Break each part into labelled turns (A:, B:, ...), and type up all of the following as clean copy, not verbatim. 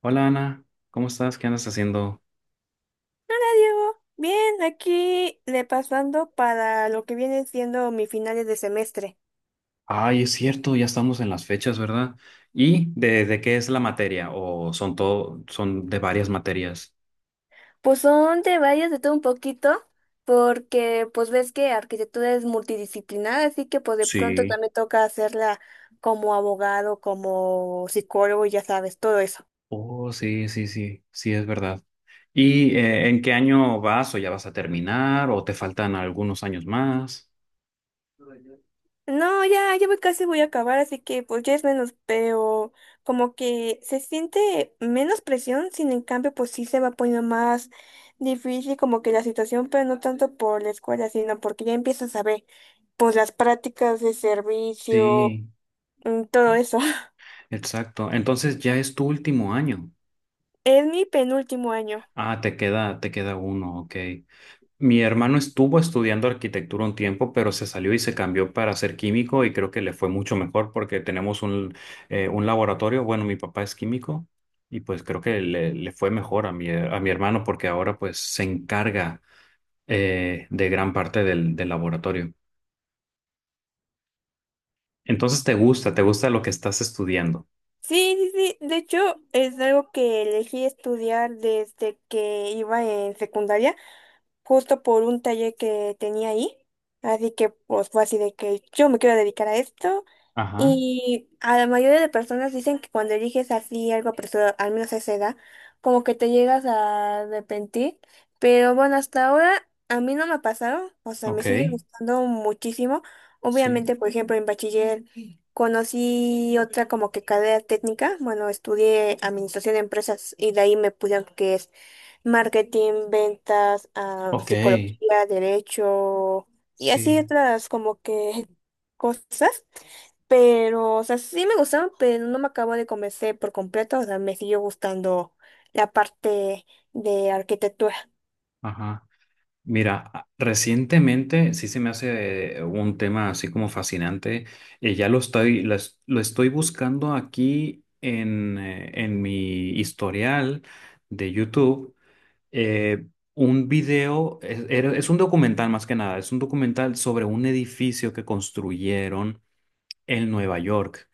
A: Hola Ana, ¿cómo estás? ¿Qué andas haciendo?
B: Hola Diego, bien, aquí repasando para lo que viene siendo mis finales de semestre.
A: Ay, es cierto, ya estamos en las fechas, ¿verdad? ¿Y de qué es la materia? ¿O son de varias materias?
B: Pues son de varias, de todo un poquito, porque pues ves que arquitectura es multidisciplinar, así que pues de pronto
A: Sí.
B: también toca hacerla como abogado, como psicólogo, y ya sabes, todo eso.
A: Oh, sí, sí, sí, sí, es verdad. ¿Y en qué año vas o ya vas a terminar o te faltan algunos años más?
B: No, ya voy, casi voy a acabar, así que pues ya es menos, pero como que se siente menos presión, sin en cambio pues sí se va poniendo más difícil como que la situación, pero no tanto por la escuela, sino porque ya empiezas a ver pues las prácticas de servicio,
A: Sí,
B: todo eso.
A: exacto. Entonces ya es tu último año.
B: Es mi penúltimo año.
A: Ah, te queda uno, ok. Mi hermano estuvo estudiando arquitectura un tiempo, pero se salió y se cambió para ser químico y creo que le fue mucho mejor porque tenemos un laboratorio. Bueno, mi papá es químico y pues creo que le fue mejor a mi hermano porque ahora pues se encarga de gran parte del laboratorio. Entonces te gusta lo que estás estudiando.
B: Sí, sí, sí, de hecho es algo que elegí estudiar desde que iba en secundaria, justo por un taller que tenía ahí. Así que pues fue así de que yo me quiero dedicar a esto.
A: Ajá,
B: Y a la mayoría de personas dicen que cuando eliges así algo apresurado, al menos a esa edad, como que te llegas a arrepentir. Pero bueno, hasta ahora a mí no me ha pasado. O sea, me
A: ok,
B: sigue gustando muchísimo.
A: sí,
B: Obviamente, por ejemplo, en bachiller conocí otra como que carrera técnica. Bueno, estudié administración de empresas y de ahí me puse que es marketing, ventas,
A: ok,
B: psicología, derecho y así
A: sí,
B: otras como que cosas. Pero, o sea, sí me gustaron, pero no me acabo de convencer por completo. O sea, me siguió gustando la parte de arquitectura.
A: ajá. Mira, recientemente sí se me hace un tema así como fascinante. Ya lo estoy buscando aquí en mi historial de YouTube. Eh, un video, es un documental más que nada, es un documental sobre un edificio que construyeron en Nueva York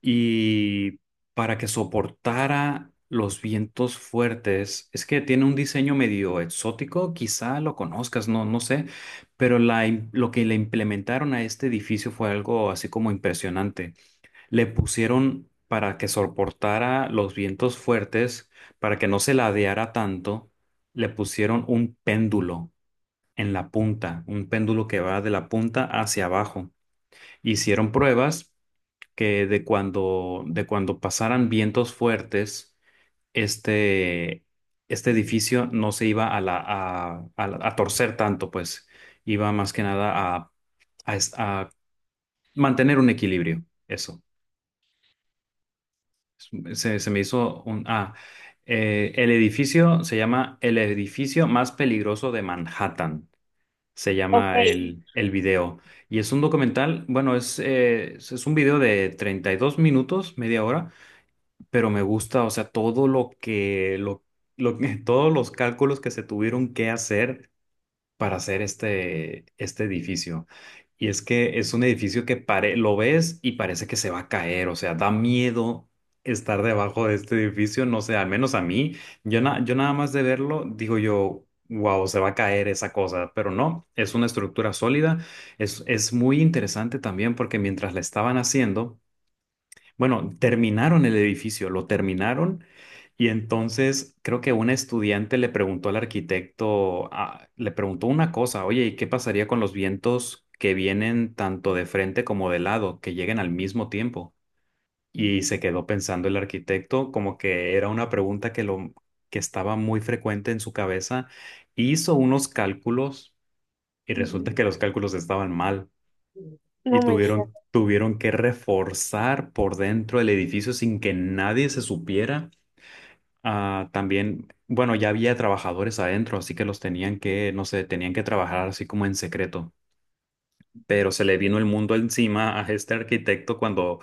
A: y para que soportara los vientos fuertes, es que tiene un diseño medio exótico, quizá lo conozcas, no, no sé, pero lo que le implementaron a este edificio fue algo así como impresionante. Le pusieron para que soportara los vientos fuertes, para que no se ladeara tanto, le pusieron un péndulo en la punta, un péndulo que va de la punta hacia abajo. Hicieron pruebas que de cuando pasaran vientos fuertes, este, este edificio no se iba a torcer tanto, pues iba más que nada a mantener un equilibrio. Eso. Se me hizo un... Ah, El edificio se llama El edificio más peligroso de Manhattan. Se
B: Ok,
A: llama el video. Y es un documental, bueno, es un video de 32 minutos, media hora, pero me gusta, o sea, todo lo que- todos los cálculos que se tuvieron que hacer para hacer este edificio. Y es que es un edificio lo ves y parece que se va a caer, o sea, da miedo estar debajo de este edificio, no sé, al menos a mí, yo nada más de verlo, digo yo, wow, se va a caer esa cosa, pero no, es una estructura sólida, es muy interesante también porque mientras la estaban haciendo, bueno, terminaron el edificio, lo terminaron y entonces creo que un estudiante le preguntó al arquitecto, ah, le preguntó una cosa, oye, ¿y qué pasaría con los vientos que vienen tanto de frente como de lado, que lleguen al mismo tiempo? Y se quedó pensando el arquitecto como que era una pregunta que lo que estaba muy frecuente en su cabeza, hizo unos cálculos y resulta que los cálculos estaban mal. Y
B: no me digas.
A: tuvieron que reforzar por dentro el edificio sin que nadie se supiera. Ah, también, bueno, ya había trabajadores adentro, así que los tenían que, no sé, tenían que trabajar así como en secreto. Pero se le vino el mundo encima a este arquitecto cuando,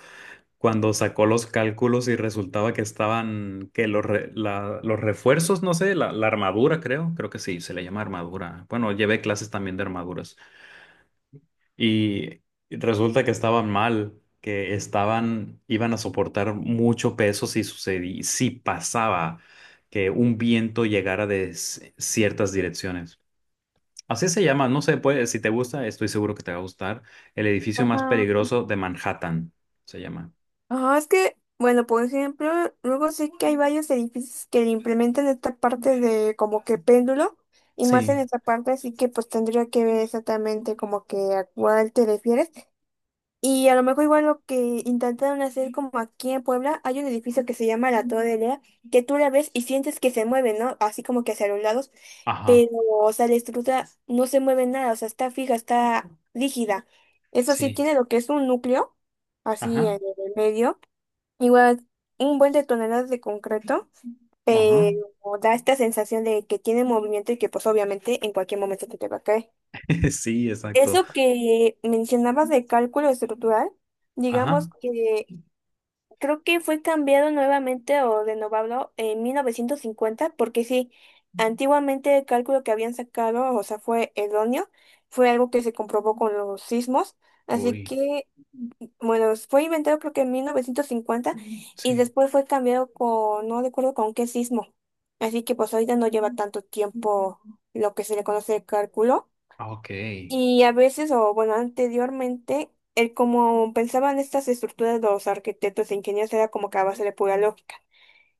A: cuando sacó los cálculos y resultaba que estaban, que los refuerzos, no sé, la armadura creo que sí, se le llama armadura. Bueno, llevé clases también de armaduras. Y resulta que estaban mal, que estaban, iban a soportar mucho peso si sucedía, si pasaba que un viento llegara ciertas direcciones. Así se llama, no sé, puede, si te gusta, estoy seguro que te va a gustar. El edificio más
B: Ajá.
A: peligroso de Manhattan se llama.
B: Ajá, es que, bueno, por ejemplo, luego sí que hay varios edificios que le implementan esta parte de como que péndulo. Y más en
A: Sí,
B: esta parte, así que pues tendría que ver exactamente como que a cuál te refieres. Y a lo mejor igual lo que intentaron hacer como aquí en Puebla, hay un edificio que se llama la Torre Lea, que tú la ves y sientes que se mueve, ¿no? Así como que hacia los lados,
A: ajá,
B: pero, o sea, la estructura no se mueve nada, o sea, está fija, está rígida. Eso sí
A: sí,
B: tiene lo que es un núcleo, así en
A: ajá,
B: el medio, igual un buen de toneladas de concreto,
A: ajá.
B: pero da esta sensación de que tiene movimiento y que pues obviamente en cualquier momento te va a caer.
A: Sí, exacto.
B: Eso que mencionabas de cálculo estructural, digamos
A: Ajá.
B: que creo que fue cambiado nuevamente o renovado en 1950, porque sí, antiguamente el cálculo que habían sacado, o sea, fue erróneo, fue algo que se comprobó con los sismos, así
A: Uy,
B: que, bueno, fue inventado creo que en 1950 y
A: sí.
B: después fue cambiado con, no recuerdo con qué sismo, así que pues ahorita no lleva tanto tiempo lo que se le conoce de cálculo.
A: Ah, ok.
B: Y a veces, o bueno, anteriormente, el como pensaban estas estructuras los arquitectos e ingenieros era como que a base de pura lógica.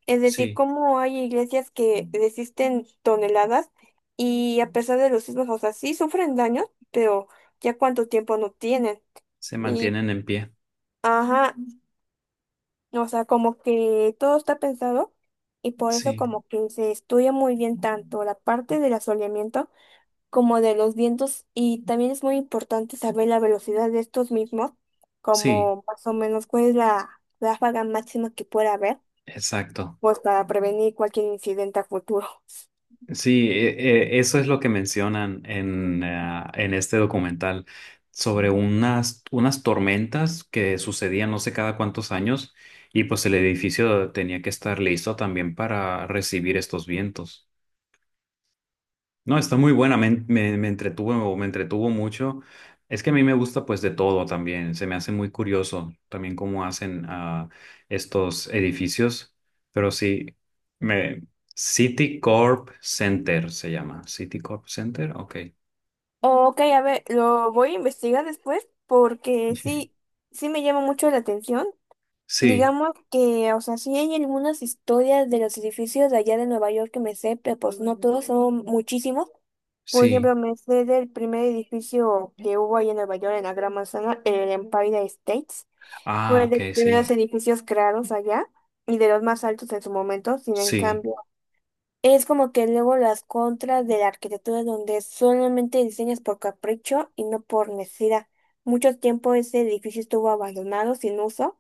B: Es decir,
A: Sí,
B: como hay iglesias que resisten toneladas y a pesar de los sismos, o sea, sí sufren daños, pero ya cuánto tiempo no tienen.
A: se
B: Y,
A: mantienen en pie.
B: ajá, o sea, como que todo está pensado y por eso
A: Sí,
B: como que se estudia muy bien tanto la parte del asoleamiento como de los vientos y también es muy importante saber la velocidad de estos mismos,
A: sí.
B: como más o menos cuál es la ráfaga máxima que pueda haber,
A: Exacto.
B: pues para prevenir cualquier incidente a futuro.
A: Sí, eso es lo que mencionan en este documental sobre unas tormentas que sucedían no sé cada cuántos años y pues el edificio tenía que estar listo también para recibir estos vientos. No, está muy buena, me entretuvo mucho. Es que a mí me gusta pues de todo también, se me hace muy curioso también cómo hacen estos edificios, pero sí, me, Citicorp Center se llama, Citicorp Center, ok.
B: Ok, a ver, lo voy a investigar después porque sí, sí me llama mucho la atención.
A: Sí, sí,
B: Digamos que, o sea, sí hay algunas historias de los edificios de allá de Nueva York que me sé, pero pues no todos, son muchísimos. Por
A: sí.
B: ejemplo, me sé del primer edificio que hubo ahí en Nueva York, en la Gran Manzana, el Empire States.
A: Ah,
B: Fue
A: ok,
B: de los primeros
A: sí,
B: edificios creados allá y de los más altos en su momento. Sin en
A: sí.
B: cambio, es como que luego las contras de la arquitectura donde solamente diseñas por capricho y no por necesidad. Mucho tiempo ese edificio estuvo abandonado, sin uso,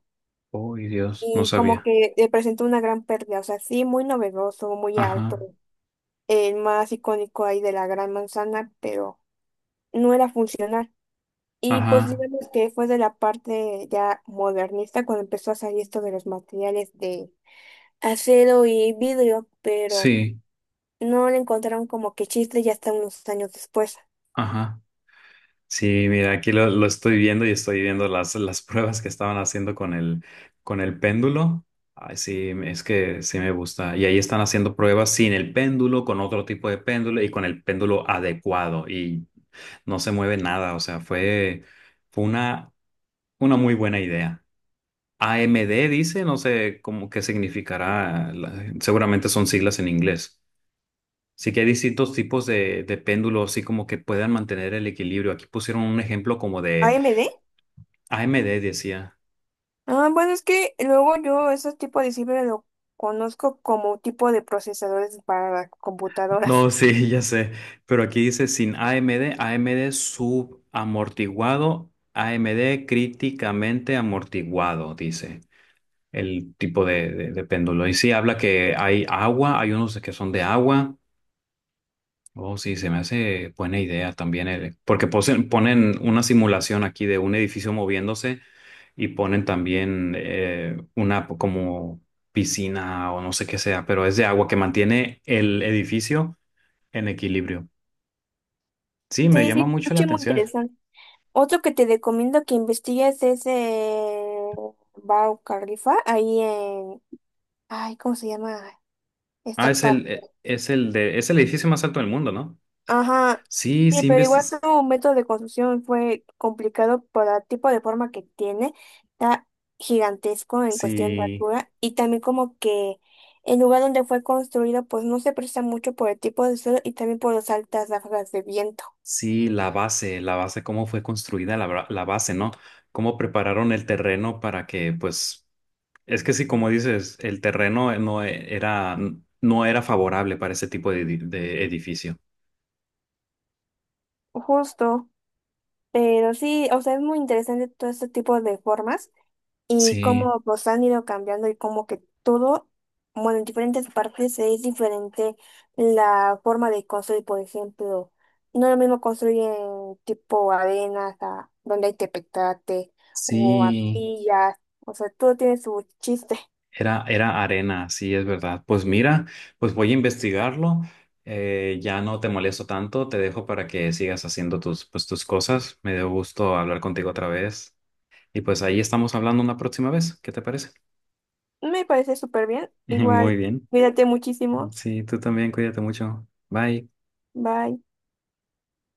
A: Uy, Dios, no
B: y como
A: sabía.
B: que presentó una gran pérdida. O sea, sí, muy novedoso, muy alto,
A: Ajá,
B: el más icónico ahí de la Gran Manzana, pero no era funcional. Y pues
A: ajá,
B: digamos que fue de la parte ya modernista cuando empezó a salir esto de los materiales de acero y vidrio, pero
A: sí,
B: no le encontraron como que chiste ya hasta unos años después.
A: ajá. Sí, mira, aquí lo estoy viendo y estoy viendo las pruebas que estaban haciendo con el péndulo. Ay, sí, es que sí me gusta. Y ahí están haciendo pruebas sin el péndulo, con otro tipo de péndulo y con el péndulo adecuado. Y no se mueve nada. O sea, fue una muy buena idea. AMD dice, no sé cómo qué significará. Seguramente son siglas en inglés. Sí que hay distintos tipos de péndulos, así como que puedan mantener el equilibrio. Aquí pusieron un ejemplo como
B: A
A: de
B: M D
A: AMD decía.
B: Ah, bueno, es que luego yo ese tipo de ciber lo conozco como tipo de procesadores para computadoras.
A: No, sí, ya sé. Pero aquí dice sin AMD, AMD subamortiguado, AMD críticamente amortiguado, dice el tipo de péndulo. Y sí, habla que hay agua, hay unos que son de agua. Oh, sí, se me hace buena idea también, porque ponen una simulación aquí de un edificio moviéndose y ponen también una como piscina o no sé qué sea, pero es de agua que mantiene el edificio en equilibrio. Sí, me
B: Sí,
A: llama
B: sí,
A: mucho la
B: escuché muy
A: atención.
B: interesante. Otro que te recomiendo que investigues es Bau Khalifa, ahí en... Ay, ¿cómo se llama
A: Ah,
B: esta
A: es el,
B: parte?
A: e- es el de, es el edificio más alto del mundo, ¿no?
B: Ajá,
A: Sí,
B: sí,
A: sí,
B: pero igual su método de construcción fue complicado por el tipo de forma que tiene, está gigantesco en cuestión de
A: sí,
B: altura y también como que el lugar donde fue construido pues no se presta mucho por el tipo de suelo y también por las altas ráfagas de viento.
A: sí, la base, cómo fue construida la base, ¿no? Cómo prepararon el terreno para que, pues, es que sí, como dices, el terreno no era favorable para ese tipo de edificio.
B: Justo, pero sí, o sea, es muy interesante todo este tipo de formas y
A: Sí,
B: cómo pues han ido cambiando y como que todo, bueno, en diferentes partes es diferente la forma de construir, por ejemplo, no es lo mismo construir en tipo arenas, a- donde hay tepetate o
A: sí.
B: arcillas, o sea, todo tiene su chiste.
A: Era arena, sí, es verdad. Pues mira, pues voy a investigarlo. Ya no te molesto tanto, te dejo para que sigas haciendo tus cosas. Me dio gusto hablar contigo otra vez. Y pues ahí estamos hablando una próxima vez. ¿Qué te parece?
B: Me parece súper bien,
A: Muy
B: igual,
A: bien.
B: cuídate muchísimo,
A: Sí, tú también, cuídate mucho. Bye.
B: bye.